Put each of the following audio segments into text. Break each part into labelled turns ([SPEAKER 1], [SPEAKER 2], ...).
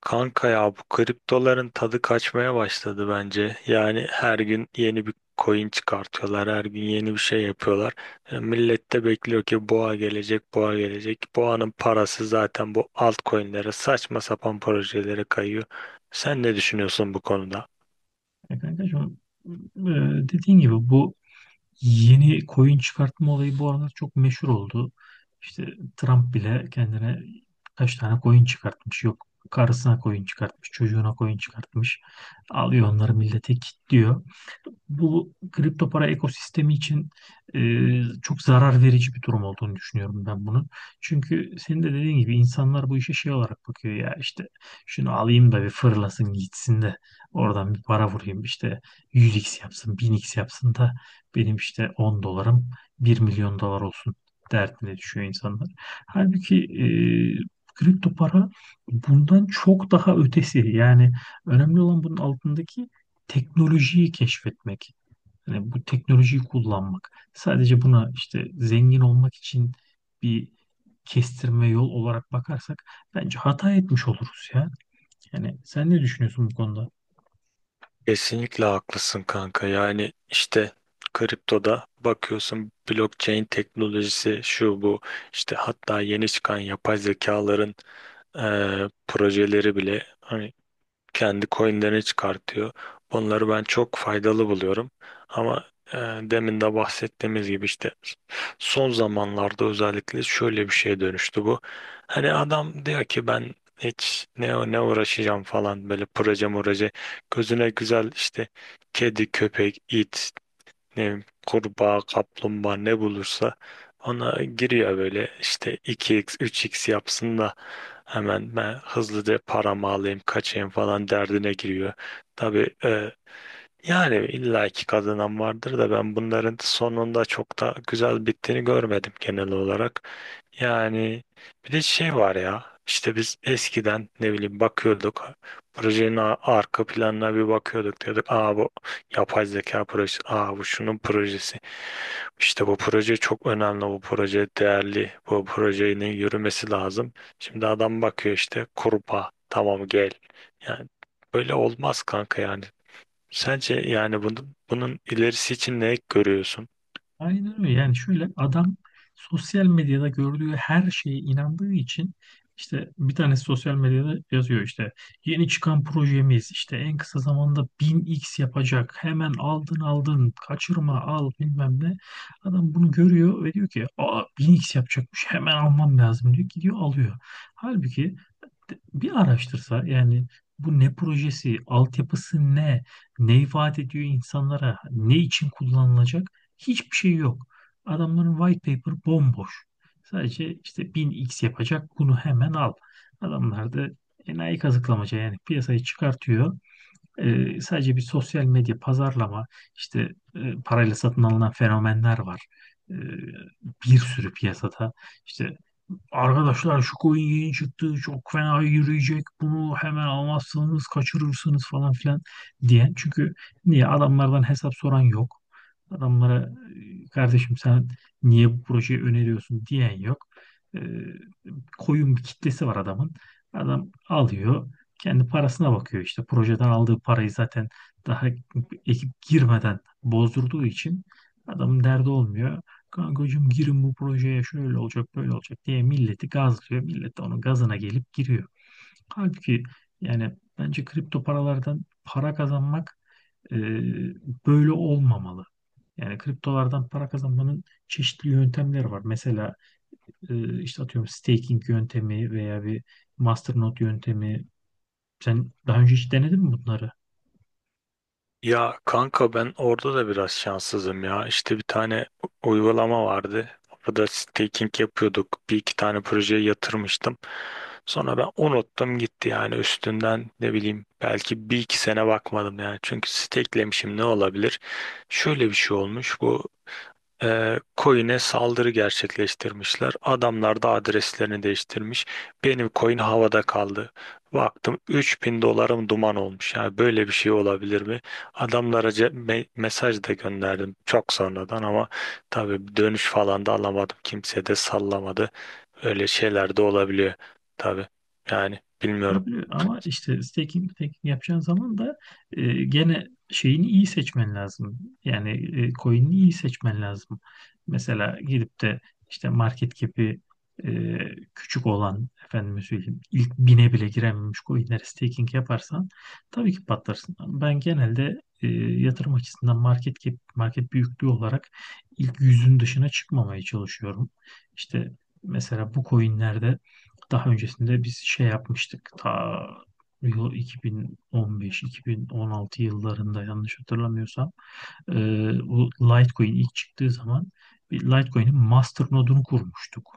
[SPEAKER 1] Kanka ya bu kriptoların tadı kaçmaya başladı bence. Yani her gün yeni bir coin çıkartıyorlar, her gün yeni bir şey yapıyorlar. Millet de bekliyor ki boğa gelecek, boğa gelecek. Boğanın parası zaten bu altcoin'lere, saçma sapan projelere kayıyor. Sen ne düşünüyorsun bu konuda?
[SPEAKER 2] Ya kankacığım e, dediğin gibi bu yeni koyun çıkartma olayı bu aralar çok meşhur oldu. İşte Trump bile kendine kaç tane koyun çıkartmış yok. Karısına koyun çıkartmış, çocuğuna koyun çıkartmış. Alıyor onları millete kilitliyor bu kripto para ekosistemi için e, çok zarar verici bir durum olduğunu düşünüyorum ben bunun. Çünkü senin de dediğin gibi insanlar bu işe şey olarak bakıyor ya, işte şunu alayım da bir fırlasın gitsin de oradan bir para vurayım, işte 100x yapsın 1000x yapsın da benim işte 10 dolarım 1 milyon dolar olsun derdine düşüyor insanlar. Halbuki kripto para bundan çok daha ötesi. Yani önemli olan bunun altındaki teknolojiyi keşfetmek, yani bu teknolojiyi kullanmak; sadece buna işte zengin olmak için bir kestirme yol olarak bakarsak bence hata etmiş oluruz ya. Yani sen ne düşünüyorsun bu konuda?
[SPEAKER 1] Kesinlikle haklısın kanka. Yani işte kriptoda bakıyorsun blockchain teknolojisi şu bu işte hatta yeni çıkan yapay zekaların e, projeleri bile hani kendi coinlerini çıkartıyor. Bunları ben çok faydalı buluyorum. Ama demin de bahsettiğimiz gibi işte son zamanlarda özellikle şöyle bir şeye dönüştü bu. Hani adam diyor ki ben hiç ne uğraşacağım falan böyle proje proje gözüne güzel işte kedi köpek it ne bileyim, kurbağa, kaplumbağa ne bulursa ona giriyor böyle işte 2x, 3x yapsın da hemen ben hızlıca paramı alayım, kaçayım falan derdine giriyor. Tabii yani illaki kazanan vardır da ben bunların sonunda çok da güzel bittiğini görmedim genel olarak. Yani bir de şey var ya işte biz eskiden ne bileyim bakıyorduk projenin arka planına bir bakıyorduk diyorduk aa bu yapay zeka projesi, aa bu şunun projesi, işte bu proje çok önemli, bu proje değerli, bu projenin yürümesi lazım. Şimdi adam bakıyor işte kurbağa tamam gel, yani böyle olmaz kanka yani. Sence yani bunun, bunun ilerisi için ne görüyorsun?
[SPEAKER 2] Aynen öyle. Yani şöyle, adam sosyal medyada gördüğü her şeye inandığı için, işte bir tanesi sosyal medyada yazıyor, işte yeni çıkan projemiz işte en kısa zamanda 1000x yapacak. Hemen aldın aldın, kaçırma al bilmem ne. Adam bunu görüyor ve diyor ki aa 1000x yapacakmış, hemen almam lazım diyor. Gidiyor alıyor. Halbuki bir araştırsa yani bu ne projesi, altyapısı ne, ne ifade ediyor insanlara, ne için kullanılacak, hiçbir şey yok. Adamların white paper bomboş. Sadece işte 1000x yapacak, bunu hemen al. Adamlar da enayi kazıklamaca yani piyasayı çıkartıyor. Sadece bir sosyal medya pazarlama işte, parayla satın alınan fenomenler var. Ee, bir sürü piyasada işte arkadaşlar şu coin yeni çıktı çok fena yürüyecek bunu hemen almazsanız kaçırırsınız falan filan diyen. Çünkü niye, adamlardan hesap soran yok. Adamlara kardeşim sen niye bu projeyi öneriyorsun diyen yok. E, koyun bir kitlesi var adamın. Adam alıyor kendi parasına bakıyor, işte projeden aldığı parayı zaten daha ekip girmeden bozdurduğu için adamın derdi olmuyor. Kankacığım, girin bu projeye şöyle olacak böyle olacak diye milleti gazlıyor. Millet de onun gazına gelip giriyor. Halbuki yani bence kripto paralardan para kazanmak e, böyle olmamalı. Yani kriptolardan para kazanmanın çeşitli yöntemleri var. Mesela işte atıyorum staking yöntemi veya bir masternode yöntemi. Sen daha önce hiç denedin mi bunları?
[SPEAKER 1] Ya kanka ben orada da biraz şanssızım ya. İşte bir tane uygulama vardı. Orada staking yapıyorduk. Bir iki tane projeye yatırmıştım. Sonra ben unuttum gitti yani, üstünden ne bileyim belki bir iki sene bakmadım yani. Çünkü stakelemişim, ne olabilir? Şöyle bir şey olmuş. Bu coin'e saldırı gerçekleştirmişler. Adamlar da adreslerini değiştirmiş. Benim coin havada kaldı. Baktım 3.000 dolarım duman olmuş. Yani böyle bir şey olabilir mi? Adamlara mesaj da gönderdim çok sonradan ama tabii dönüş falan da alamadım. Kimse de sallamadı. Öyle şeyler de olabiliyor tabii. Yani bilmiyorum.
[SPEAKER 2] Olabiliyor, ama işte staking yapacağın zaman da gene şeyini iyi seçmen lazım. Yani coin'ini iyi seçmen lazım. Mesela gidip de işte market cap'i e, küçük olan, efendime söyleyeyim, ilk 1000'e bile girememiş coin'lere staking yaparsan tabii ki patlarsın. Ben genelde yatırım açısından market cap, market büyüklüğü olarak ilk 100'ün dışına çıkmamaya çalışıyorum. İşte mesela bu coin'lerde daha öncesinde biz şey yapmıştık. Ta yıl 2015-2016 yıllarında, yanlış hatırlamıyorsam, e, bu Litecoin ilk çıktığı zaman bir Litecoin'in master nodunu kurmuştuk.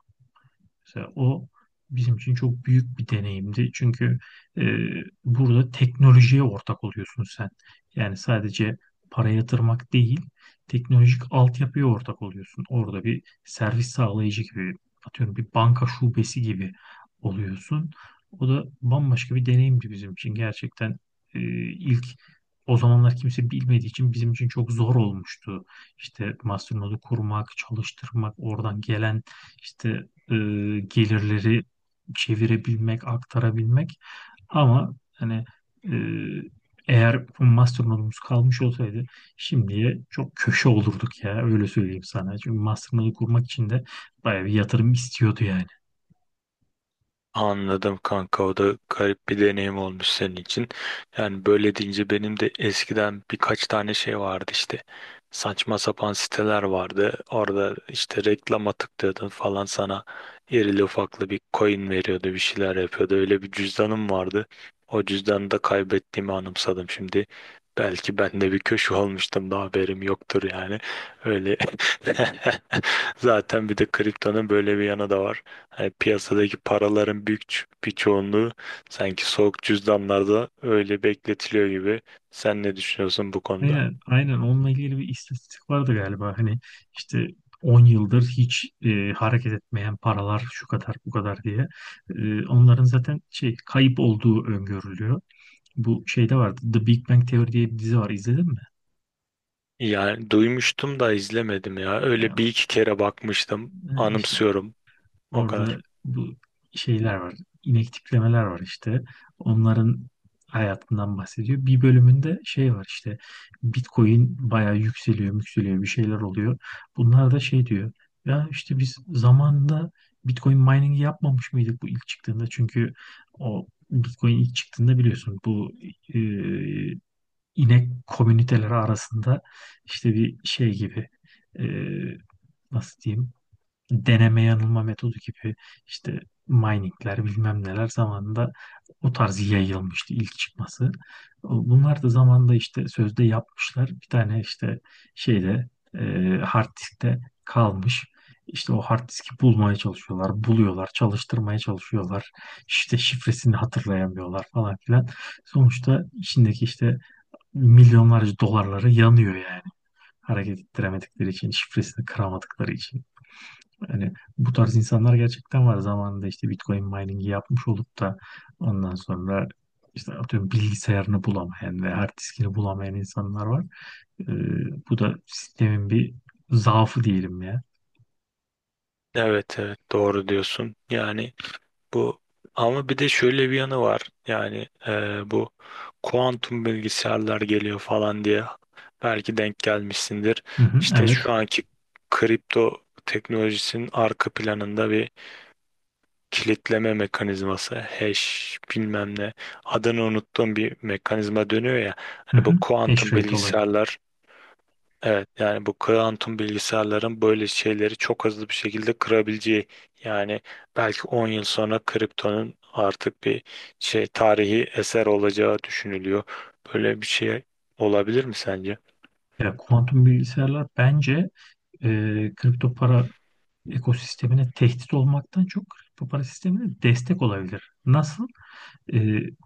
[SPEAKER 2] Mesela o bizim için çok büyük bir deneyimdi. Çünkü e, burada teknolojiye ortak oluyorsun sen. Yani sadece para yatırmak değil, teknolojik altyapıya ortak oluyorsun. Orada bir servis sağlayıcı gibi, atıyorum bir banka şubesi gibi oluyorsun. O da bambaşka bir deneyimdi bizim için. Gerçekten e, ilk o zamanlar kimse bilmediği için bizim için çok zor olmuştu. İşte Masternode'u kurmak, çalıştırmak, oradan gelen işte e, gelirleri çevirebilmek, aktarabilmek. Ama hani e, eğer bu mastermind kalmış olsaydı şimdiye çok köşe olurduk ya, öyle söyleyeyim sana. Çünkü mastermind'i kurmak için de bayağı bir yatırım istiyordu yani.
[SPEAKER 1] Anladım kanka, o da garip bir deneyim olmuş senin için. Yani böyle deyince benim de eskiden birkaç tane şey vardı işte. Saçma sapan siteler vardı. Orada işte reklama tıklıyordun falan, sana irili ufaklı bir coin veriyordu, bir şeyler yapıyordu. Öyle bir cüzdanım vardı. O cüzdanı da kaybettiğimi anımsadım şimdi. Belki ben de bir köşe olmuştum da haberim yoktur yani. Öyle zaten bir de kriptonun böyle bir yanı da var. Yani piyasadaki paraların büyük bir çoğunluğu sanki soğuk cüzdanlarda öyle bekletiliyor gibi. Sen ne düşünüyorsun bu konuda?
[SPEAKER 2] Aynen, aynen, onunla ilgili bir istatistik vardı galiba. Hani işte 10 yıldır hiç hareket etmeyen paralar şu kadar bu kadar diye. Onların zaten şey, kayıp olduğu öngörülüyor. Bu şeyde vardı. The Big Bang Theory diye bir dizi var. İzledin mi?
[SPEAKER 1] Yani duymuştum da izlemedim ya. Öyle
[SPEAKER 2] E,
[SPEAKER 1] bir iki kere bakmıştım,
[SPEAKER 2] işte
[SPEAKER 1] anımsıyorum. O kadar.
[SPEAKER 2] orada bu şeyler var. İnek tiplemeler var işte. Onların hayatından bahsediyor. Bir bölümünde şey var işte. Bitcoin bayağı yükseliyor, yükseliyor, bir şeyler oluyor. Bunlar da şey diyor. Ya işte biz zamanında Bitcoin mining'i yapmamış mıydık bu ilk çıktığında? Çünkü o Bitcoin ilk çıktığında biliyorsun, bu e, inek komüniteleri arasında işte bir şey gibi, e, nasıl diyeyim, deneme yanılma metodu gibi, işte miningler bilmem neler, zamanında o tarz yayılmıştı ilk çıkması. Bunlar da zamanında işte sözde yapmışlar. Bir tane işte şeyde, e, hard diskte kalmış. İşte o hard diski bulmaya çalışıyorlar, buluyorlar, çalıştırmaya çalışıyorlar. İşte şifresini hatırlayamıyorlar falan filan. Sonuçta içindeki işte milyonlarca dolarları yanıyor yani. Hareket ettiremedikleri için, şifresini kıramadıkları için. Yani bu tarz insanlar gerçekten var. Zamanında işte Bitcoin mining'i yapmış olup da ondan sonra işte atıyorum bilgisayarını bulamayan ve hard diskini bulamayan insanlar var. Ee, bu da sistemin bir zaafı diyelim ya.
[SPEAKER 1] Evet, evet, doğru diyorsun. Yani bu, ama bir de şöyle bir yanı var. Yani bu kuantum bilgisayarlar geliyor falan diye belki denk gelmişsindir.
[SPEAKER 2] Hı hı,
[SPEAKER 1] İşte
[SPEAKER 2] evet.
[SPEAKER 1] şu anki kripto teknolojisinin arka planında bir kilitleme mekanizması, hash bilmem ne, adını unuttuğum bir mekanizma dönüyor ya.
[SPEAKER 2] Hı
[SPEAKER 1] Hani
[SPEAKER 2] hı.
[SPEAKER 1] bu
[SPEAKER 2] Hash
[SPEAKER 1] kuantum
[SPEAKER 2] rate olayı.
[SPEAKER 1] bilgisayarlar, evet, yani bu kuantum bilgisayarların böyle şeyleri çok hızlı bir şekilde kırabileceği, yani belki 10 yıl sonra kriptonun artık bir şey, tarihi eser olacağı düşünülüyor. Böyle bir şey olabilir mi sence?
[SPEAKER 2] Ya, kuantum bilgisayarlar bence e, kripto para ekosistemine tehdit olmaktan çok kripto para sistemine destek olabilir. Nasıl? e,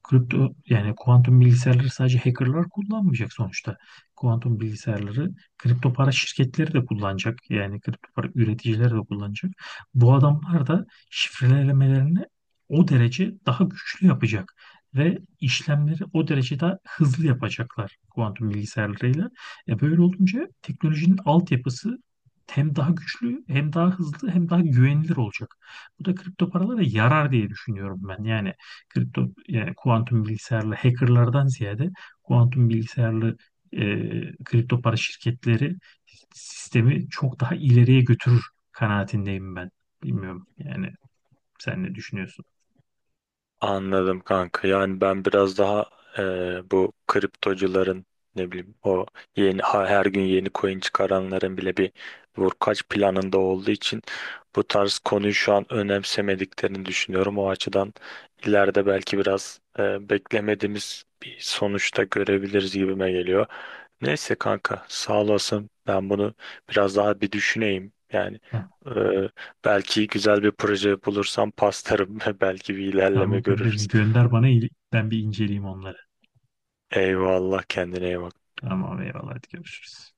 [SPEAKER 2] Kripto, yani kuantum bilgisayarları sadece hackerlar kullanmayacak sonuçta. Kuantum bilgisayarları kripto para şirketleri de kullanacak. Yani kripto para üreticileri de kullanacak. Bu adamlar da şifrelemelerini o derece daha güçlü yapacak ve işlemleri o derece daha hızlı yapacaklar kuantum bilgisayarlarıyla. Böyle olunca teknolojinin altyapısı hem daha güçlü, hem daha hızlı, hem daha güvenilir olacak. Bu da kripto paralara yarar diye düşünüyorum ben. Yani kripto, yani kuantum bilgisayarlı hackerlardan ziyade kuantum bilgisayarlı e, kripto para şirketleri sistemi çok daha ileriye götürür kanaatindeyim ben. Bilmiyorum yani, sen ne düşünüyorsun?
[SPEAKER 1] Anladım kanka. Yani ben biraz daha bu kriptocuların ne bileyim o yeni her gün yeni coin çıkaranların bile bir vurkaç planında olduğu için bu tarz konuyu şu an önemsemediklerini düşünüyorum. O açıdan ileride belki biraz beklemediğimiz bir sonuçta görebiliriz gibime geliyor. Neyse kanka sağ olasın. Ben bunu biraz daha bir düşüneyim. Yani
[SPEAKER 2] Ha,
[SPEAKER 1] e, belki güzel bir proje bulursam pastarım ve belki bir ilerleme
[SPEAKER 2] tamam kankacığım,
[SPEAKER 1] görürüz.
[SPEAKER 2] gönder bana, ben bir inceleyeyim onları.
[SPEAKER 1] Eyvallah, kendine iyi bak.
[SPEAKER 2] Tamam, eyvallah, hadi görüşürüz.